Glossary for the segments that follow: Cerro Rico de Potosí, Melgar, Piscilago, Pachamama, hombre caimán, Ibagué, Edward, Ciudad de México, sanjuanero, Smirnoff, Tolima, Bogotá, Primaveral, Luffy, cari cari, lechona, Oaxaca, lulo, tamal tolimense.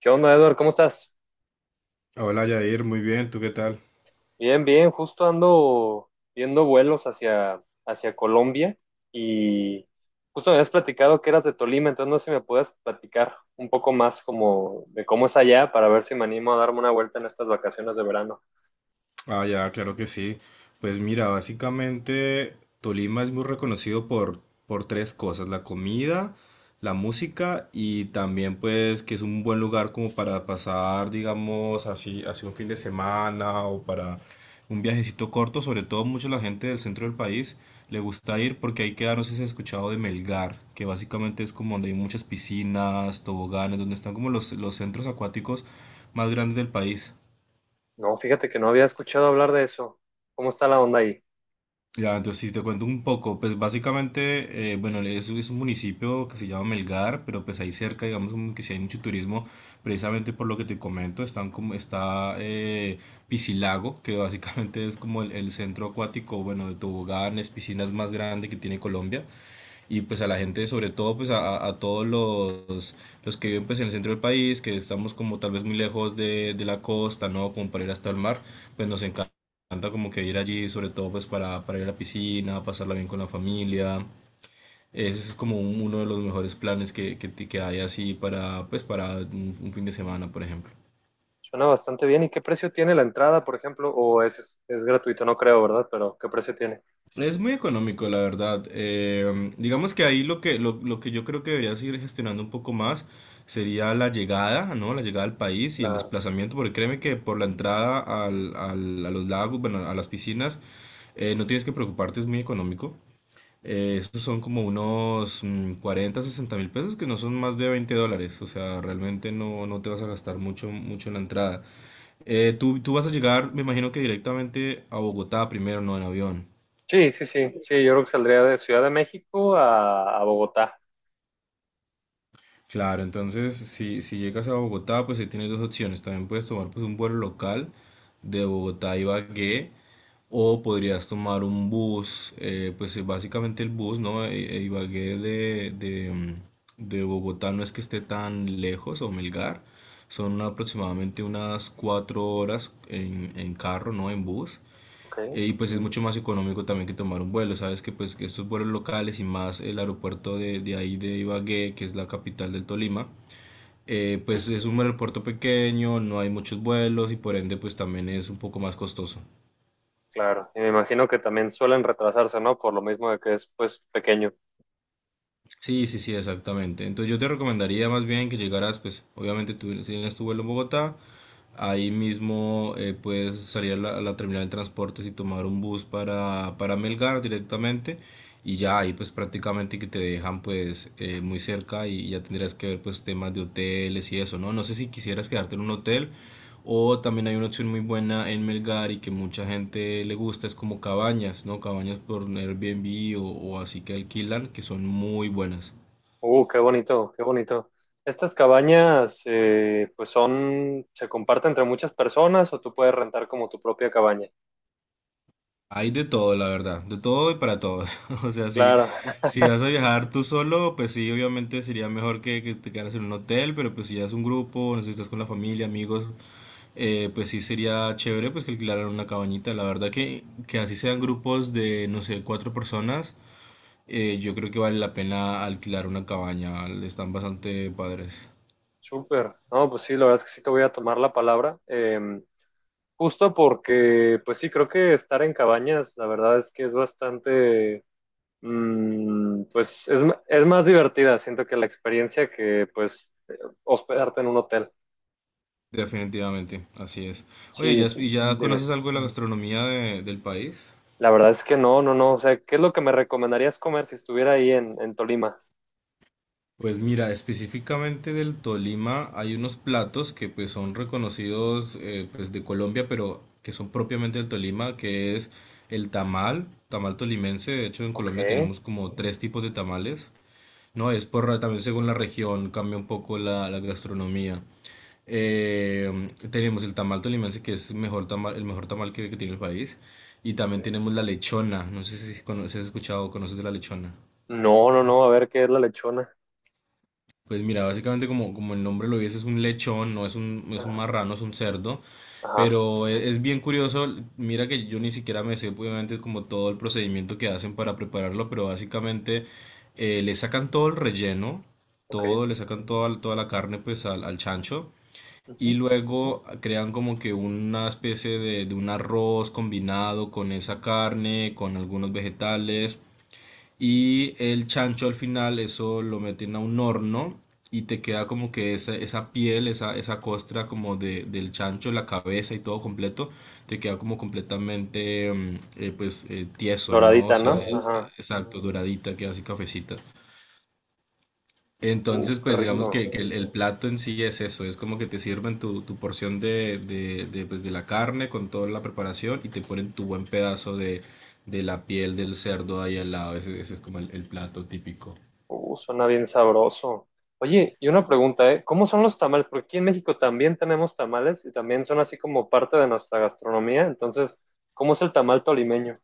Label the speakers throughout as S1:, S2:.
S1: ¿Qué onda, Edward? ¿Cómo estás?
S2: Hola Yair, muy bien, ¿tú qué tal?
S1: Bien, bien. Justo ando viendo vuelos hacia, hacia Colombia y justo me habías platicado que eras de Tolima, entonces no sé si me puedes platicar un poco más como de cómo es allá para ver si me animo a darme una vuelta en estas vacaciones de verano.
S2: Ah, ya, claro que sí. Pues mira, básicamente Tolima es muy reconocido por tres cosas, la comida, la música y también pues que es un buen lugar como para pasar, digamos, así, así un fin de semana o para un viajecito corto, sobre todo mucho la gente del centro del país le gusta ir porque ahí queda, no sé si has escuchado de Melgar, que básicamente es como donde hay muchas piscinas, toboganes, donde están como los centros acuáticos más grandes del país.
S1: No, fíjate que no había escuchado hablar de eso. ¿Cómo está la onda ahí?
S2: Ya, entonces si te cuento un poco, pues básicamente, bueno, es un municipio que se llama Melgar, pero pues ahí cerca, digamos, como que si hay mucho turismo, precisamente por lo que te comento, están como, está Piscilago, que básicamente es como el centro acuático, bueno, de toboganes, piscinas más grande que tiene Colombia, y pues a la gente, sobre todo pues a todos los, que viven pues en el centro del país, que estamos como tal vez muy lejos de la costa, ¿no? Como para ir hasta el mar, pues nos encanta como que ir allí, sobre todo pues para ir a la piscina, pasarla bien con la familia. Es como un, uno de los mejores planes que hay así para, pues, para un fin de semana, por ejemplo.
S1: Suena bastante bien. ¿Y qué precio tiene la entrada, por ejemplo? ¿O es gratuito? No creo, ¿verdad? Pero ¿qué precio tiene?
S2: Es muy económico, la verdad. Digamos que ahí lo que yo creo que debería seguir gestionando un poco más sería la llegada, ¿no? La llegada al país y el
S1: La...
S2: desplazamiento, porque créeme que por la entrada a los lagos, bueno, a las piscinas, no tienes que preocuparte, es muy económico. Estos son como unos 40, 60 mil pesos, que no son más de 20 dólares, o sea, realmente no te vas a gastar mucho, mucho en la entrada. Tú vas a llegar, me imagino que directamente a Bogotá primero, no en avión.
S1: Sí, sí, sí. Sí, yo creo que saldría de Ciudad de México a Bogotá.
S2: Claro, entonces si llegas a Bogotá, pues ahí tienes dos opciones. También puedes tomar pues un vuelo local de Bogotá a Ibagué, o podrías tomar un bus, pues básicamente el bus, ¿no? Ibagué de Bogotá no es que esté tan lejos o Melgar, son aproximadamente unas 4 horas en carro, ¿no? En bus.
S1: Ok.
S2: Y pues es mucho más económico también que tomar un vuelo, sabes que pues que estos vuelos locales, y más el aeropuerto de ahí de Ibagué, que es la capital del Tolima, pues es un aeropuerto pequeño, no hay muchos vuelos y por ende pues también es un poco más costoso.
S1: Claro, y me imagino que también suelen retrasarse, ¿no? Por lo mismo de que es, pues, pequeño.
S2: Sí, sí, sí, exactamente. Entonces yo te recomendaría más bien que llegaras, pues obviamente tú si tienes tu vuelo en Bogotá, ahí mismo puedes salir a a la terminal de transportes y tomar un bus para Melgar directamente, y ya ahí pues prácticamente que te dejan pues muy cerca, y ya tendrías que ver pues temas de hoteles y eso, ¿no? No sé si quisieras quedarte en un hotel o también hay una opción muy buena en Melgar y que mucha gente le gusta, es como cabañas, ¿no? Cabañas por Airbnb, o así que alquilan, que son muy buenas.
S1: Qué bonito, qué bonito. Estas cabañas, pues, son, se comparten entre muchas personas o tú puedes rentar como tu propia cabaña.
S2: Hay de todo, la verdad, de todo y para todos. O sea, si,
S1: Claro,
S2: si vas a viajar tú solo, pues sí, obviamente sería mejor que te quedaras en un hotel, pero pues si ya es un grupo, no sé si estás con la familia, amigos, pues sí sería chévere pues que alquilaran una cabañita. La verdad que así sean grupos de, no sé, cuatro personas. Yo creo que vale la pena alquilar una cabaña, están bastante padres.
S1: súper. No, pues sí, la verdad es que sí te voy a tomar la palabra. Justo porque, pues sí, creo que estar en cabañas, la verdad es que es bastante, mm, pues, es más divertida, siento que la experiencia que, pues, hospedarte en un hotel.
S2: Definitivamente, así es. Oye,
S1: Sí,
S2: ¿ya, y
S1: sí,
S2: ya
S1: dime.
S2: conoces algo de la gastronomía de- del país?
S1: La verdad es que no, no, no. O sea, ¿qué es lo que me recomendarías comer si estuviera ahí en Tolima?
S2: Pues mira, específicamente del Tolima hay unos platos que pues son reconocidos pues de Colombia, pero que son propiamente del Tolima, que es el tamal tolimense. De hecho, en
S1: Ok.
S2: Colombia tenemos como tres tipos de tamales. No, es también según la región cambia un poco la gastronomía. Eh, Tenemos el tamal tolimense, que es el mejor tamal que tiene el país. Y también
S1: Ok.
S2: tenemos la lechona. No sé si has escuchado o conoces de la lechona.
S1: No, no, no. A ver, ¿qué es la lechona?
S2: Pues mira, básicamente como el nombre lo dice, es un lechón, no es un, no es un
S1: Ajá.
S2: marrano, es un cerdo.
S1: Ajá.
S2: Pero es bien curioso, mira que yo ni siquiera me sé obviamente como todo el procedimiento que hacen para prepararlo, pero básicamente le sacan todo el relleno,
S1: Ok.
S2: todo, le sacan toda, la carne pues al chancho. Y
S1: Ujú.
S2: luego crean como que una especie de un arroz combinado con esa carne, con algunos vegetales. Y el chancho al final, eso lo meten a un horno, y te queda como que esa, piel, esa costra como del chancho, la cabeza y todo completo, te queda como completamente pues tieso, ¿no? O
S1: Doradita, ¿no?
S2: sea, doradita,
S1: Ajá.
S2: exacto, doradita, queda así cafecita. Entonces,
S1: Qué
S2: pues digamos
S1: rico.
S2: que el plato en sí es eso, es como que te sirven tu porción de la carne con toda la preparación, y te ponen tu buen pedazo de la piel del cerdo ahí al lado, ese, es como el plato típico.
S1: Suena bien sabroso. Oye, y una pregunta, ¿eh? ¿Cómo son los tamales? Porque aquí en México también tenemos tamales y también son así como parte de nuestra gastronomía. Entonces, ¿cómo es el tamal tolimeño?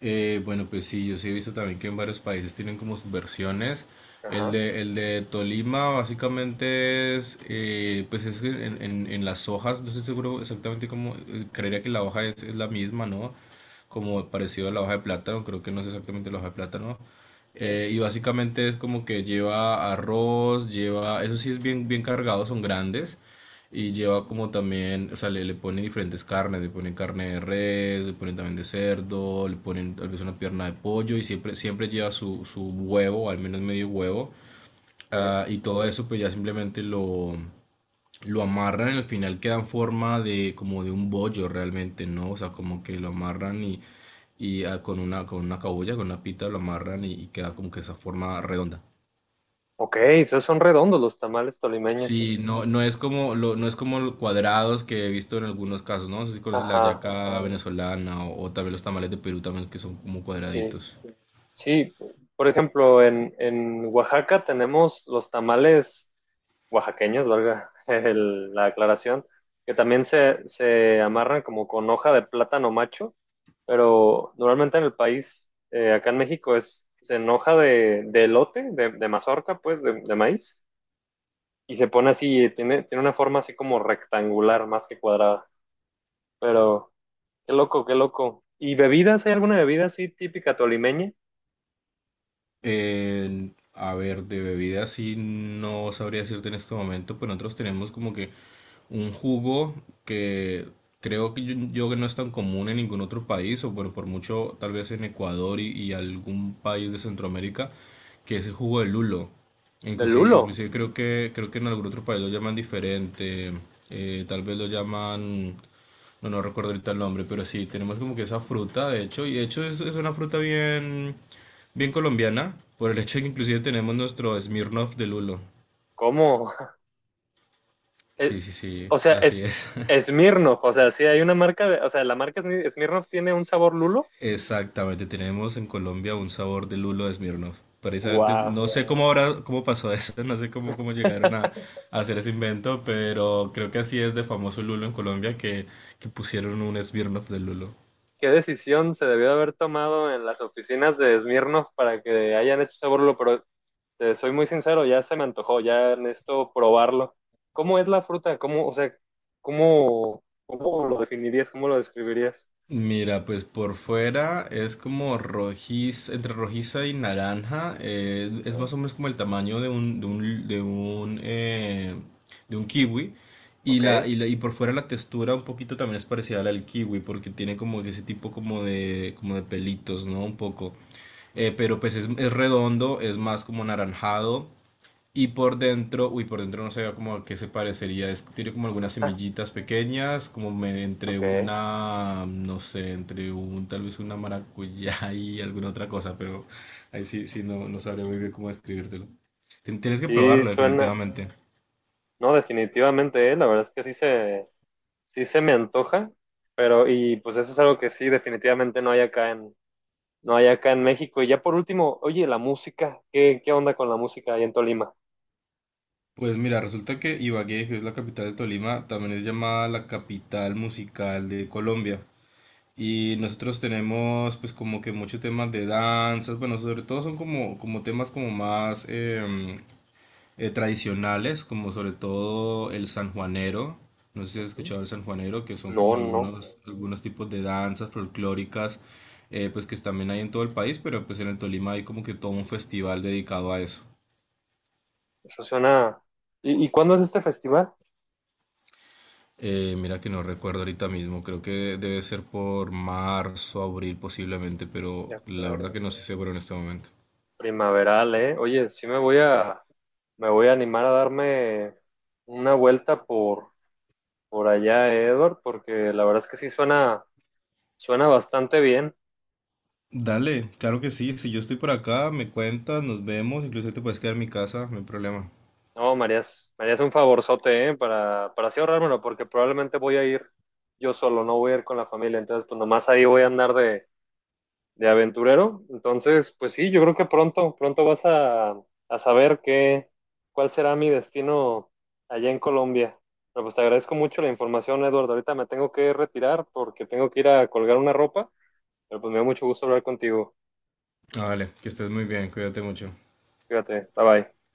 S2: Bueno, pues sí, yo sí he visto también que en varios países tienen como sus versiones.
S1: Ajá.
S2: El de Tolima básicamente es que en, en las hojas, no estoy seguro exactamente cómo, creería que la hoja es la misma, ¿no?
S1: Ujú.
S2: Como parecido a la hoja de plátano, creo que no es exactamente la hoja de plátano.
S1: Ok,
S2: Y básicamente es como que lleva arroz, eso sí es bien, bien cargado, son grandes. Y lleva como también, o sea, le, pone diferentes carnes, le ponen carne de res, le ponen también de cerdo, le ponen tal vez una pierna de pollo, y siempre, siempre lleva su, huevo, al menos medio huevo. Ah,
S1: ok.
S2: y todo eso pues ya simplemente lo amarran, y al final queda en forma de como de un bollo realmente, ¿no? O sea, como que lo amarran y con con una cabulla, con una pita lo amarran y queda como que esa forma redonda.
S1: Ok, esos son redondos los tamales tolimeños.
S2: Sí, no, no es como los cuadrados que he visto en algunos casos, ¿no? No sé si conoces la
S1: Ajá,
S2: yaca venezolana, o también los tamales de Perú también, que son como
S1: sí,
S2: cuadraditos.
S1: sí. Por ejemplo, en Oaxaca tenemos los tamales oaxaqueños, valga la aclaración, que también se amarran como con hoja de plátano macho, pero normalmente en el país, acá en México, es en hoja de elote, de mazorca, pues, de maíz, y se pone así, tiene, tiene una forma así como rectangular más que cuadrada. Pero, qué loco, qué loco. ¿Y bebidas? ¿Hay alguna bebida así típica tolimeña?
S2: A ver, de bebida sí no sabría decirte en este momento, pero nosotros tenemos como que un jugo que creo que yo, que no es tan común en ningún otro país, o bueno, por mucho tal vez en Ecuador y, algún país de Centroamérica, que es el jugo de lulo.
S1: Del
S2: Inclusive,
S1: lulo.
S2: inclusive creo que en algún otro país lo llaman diferente, tal vez lo llaman... No, no recuerdo ahorita el nombre, pero sí, tenemos como que esa fruta, de hecho, y de hecho es una fruta bien colombiana, por el hecho de que inclusive tenemos nuestro Smirnoff de lulo.
S1: ¿Cómo?
S2: Sí,
S1: Eh,
S2: sí, sí,
S1: o sea,
S2: así
S1: es
S2: es.
S1: Smirnoff, o sea, sí hay una marca, o sea, la marca Smirnoff tiene un sabor lulo.
S2: Exactamente, tenemos en Colombia un sabor de lulo de Smirnoff. Precisamente,
S1: Wow.
S2: no sé cómo ahora, cómo pasó eso, no sé cómo, llegaron a hacer ese invento, pero creo que así es de famoso lulo en Colombia que pusieron un Smirnoff de lulo.
S1: ¿Qué decisión se debió de haber tomado en las oficinas de Smirnoff para que hayan hecho sabor lulo? Pero te soy muy sincero, ya se me antojó, ya necesito probarlo. ¿Cómo es la fruta? ¿Cómo, o sea, cómo, cómo lo definirías? ¿Cómo lo describirías?
S2: Mira, pues por fuera es como entre rojiza y naranja, es
S1: Ah,
S2: más o menos como el tamaño de un kiwi. Y,
S1: ok,
S2: la, y, la- y por fuera la textura un poquito también es parecida a la del kiwi, porque tiene como ese tipo como de, pelitos, ¿no? Un poco. Pero pues es redondo, es más como anaranjado. Y por dentro, uy, por dentro no sé como a qué se parecería. Tiene como algunas semillitas pequeñas,
S1: ok.
S2: no sé, tal vez una maracuyá y alguna otra cosa, pero ahí sí, sí, no sabré muy bien cómo describírtelo. Tienes que
S1: Sí,
S2: probarlo,
S1: suena.
S2: definitivamente.
S1: No, definitivamente, la verdad es que sí se me antoja, pero y pues eso es algo que sí definitivamente no hay acá en no hay acá en México. Y ya por último, oye, la música, ¿qué, qué onda con la música ahí en Tolima?
S2: Pues mira, resulta que Ibagué, que es la capital de Tolima, también es llamada la capital musical de Colombia. Y nosotros tenemos pues como que muchos temas de danzas, bueno, sobre todo son como temas como más, tradicionales, como sobre todo el sanjuanero. No sé si has
S1: Ujú.
S2: escuchado el sanjuanero, que son
S1: No,
S2: como
S1: no,
S2: algunos, tipos de danzas folclóricas, pues que también hay en todo el país, pero pues en el Tolima hay como que todo un festival dedicado a eso.
S1: eso suena. ¿Y cuándo es este festival?
S2: Mira que no recuerdo ahorita mismo, creo que debe ser por marzo, abril posiblemente, pero
S1: De
S2: la verdad
S1: acuerdo.
S2: que no estoy seguro en este momento.
S1: Primaveral, ¿eh? Oye, sí me voy a animar a darme una vuelta por allá, ¿eh, Edward? Porque la verdad es que sí suena bastante bien.
S2: Dale, claro que sí, si yo estoy por acá, me cuentas, nos vemos, incluso te puedes quedar en mi casa, no hay problema.
S1: No, Marías, Marías un favorzote, ¿eh? Para así ahorrármelo, porque probablemente voy a ir yo solo, no voy a ir con la familia, entonces pues nomás ahí voy a andar de aventurero. Entonces, pues sí, yo creo que pronto, pronto vas a saber qué, cuál será mi destino allá en Colombia. Pero pues te agradezco mucho la información, Eduardo. Ahorita me tengo que retirar porque tengo que ir a colgar una ropa, pero pues me da mucho gusto hablar contigo.
S2: Vale, que estés muy bien, cuídate mucho.
S1: Fíjate, bye bye.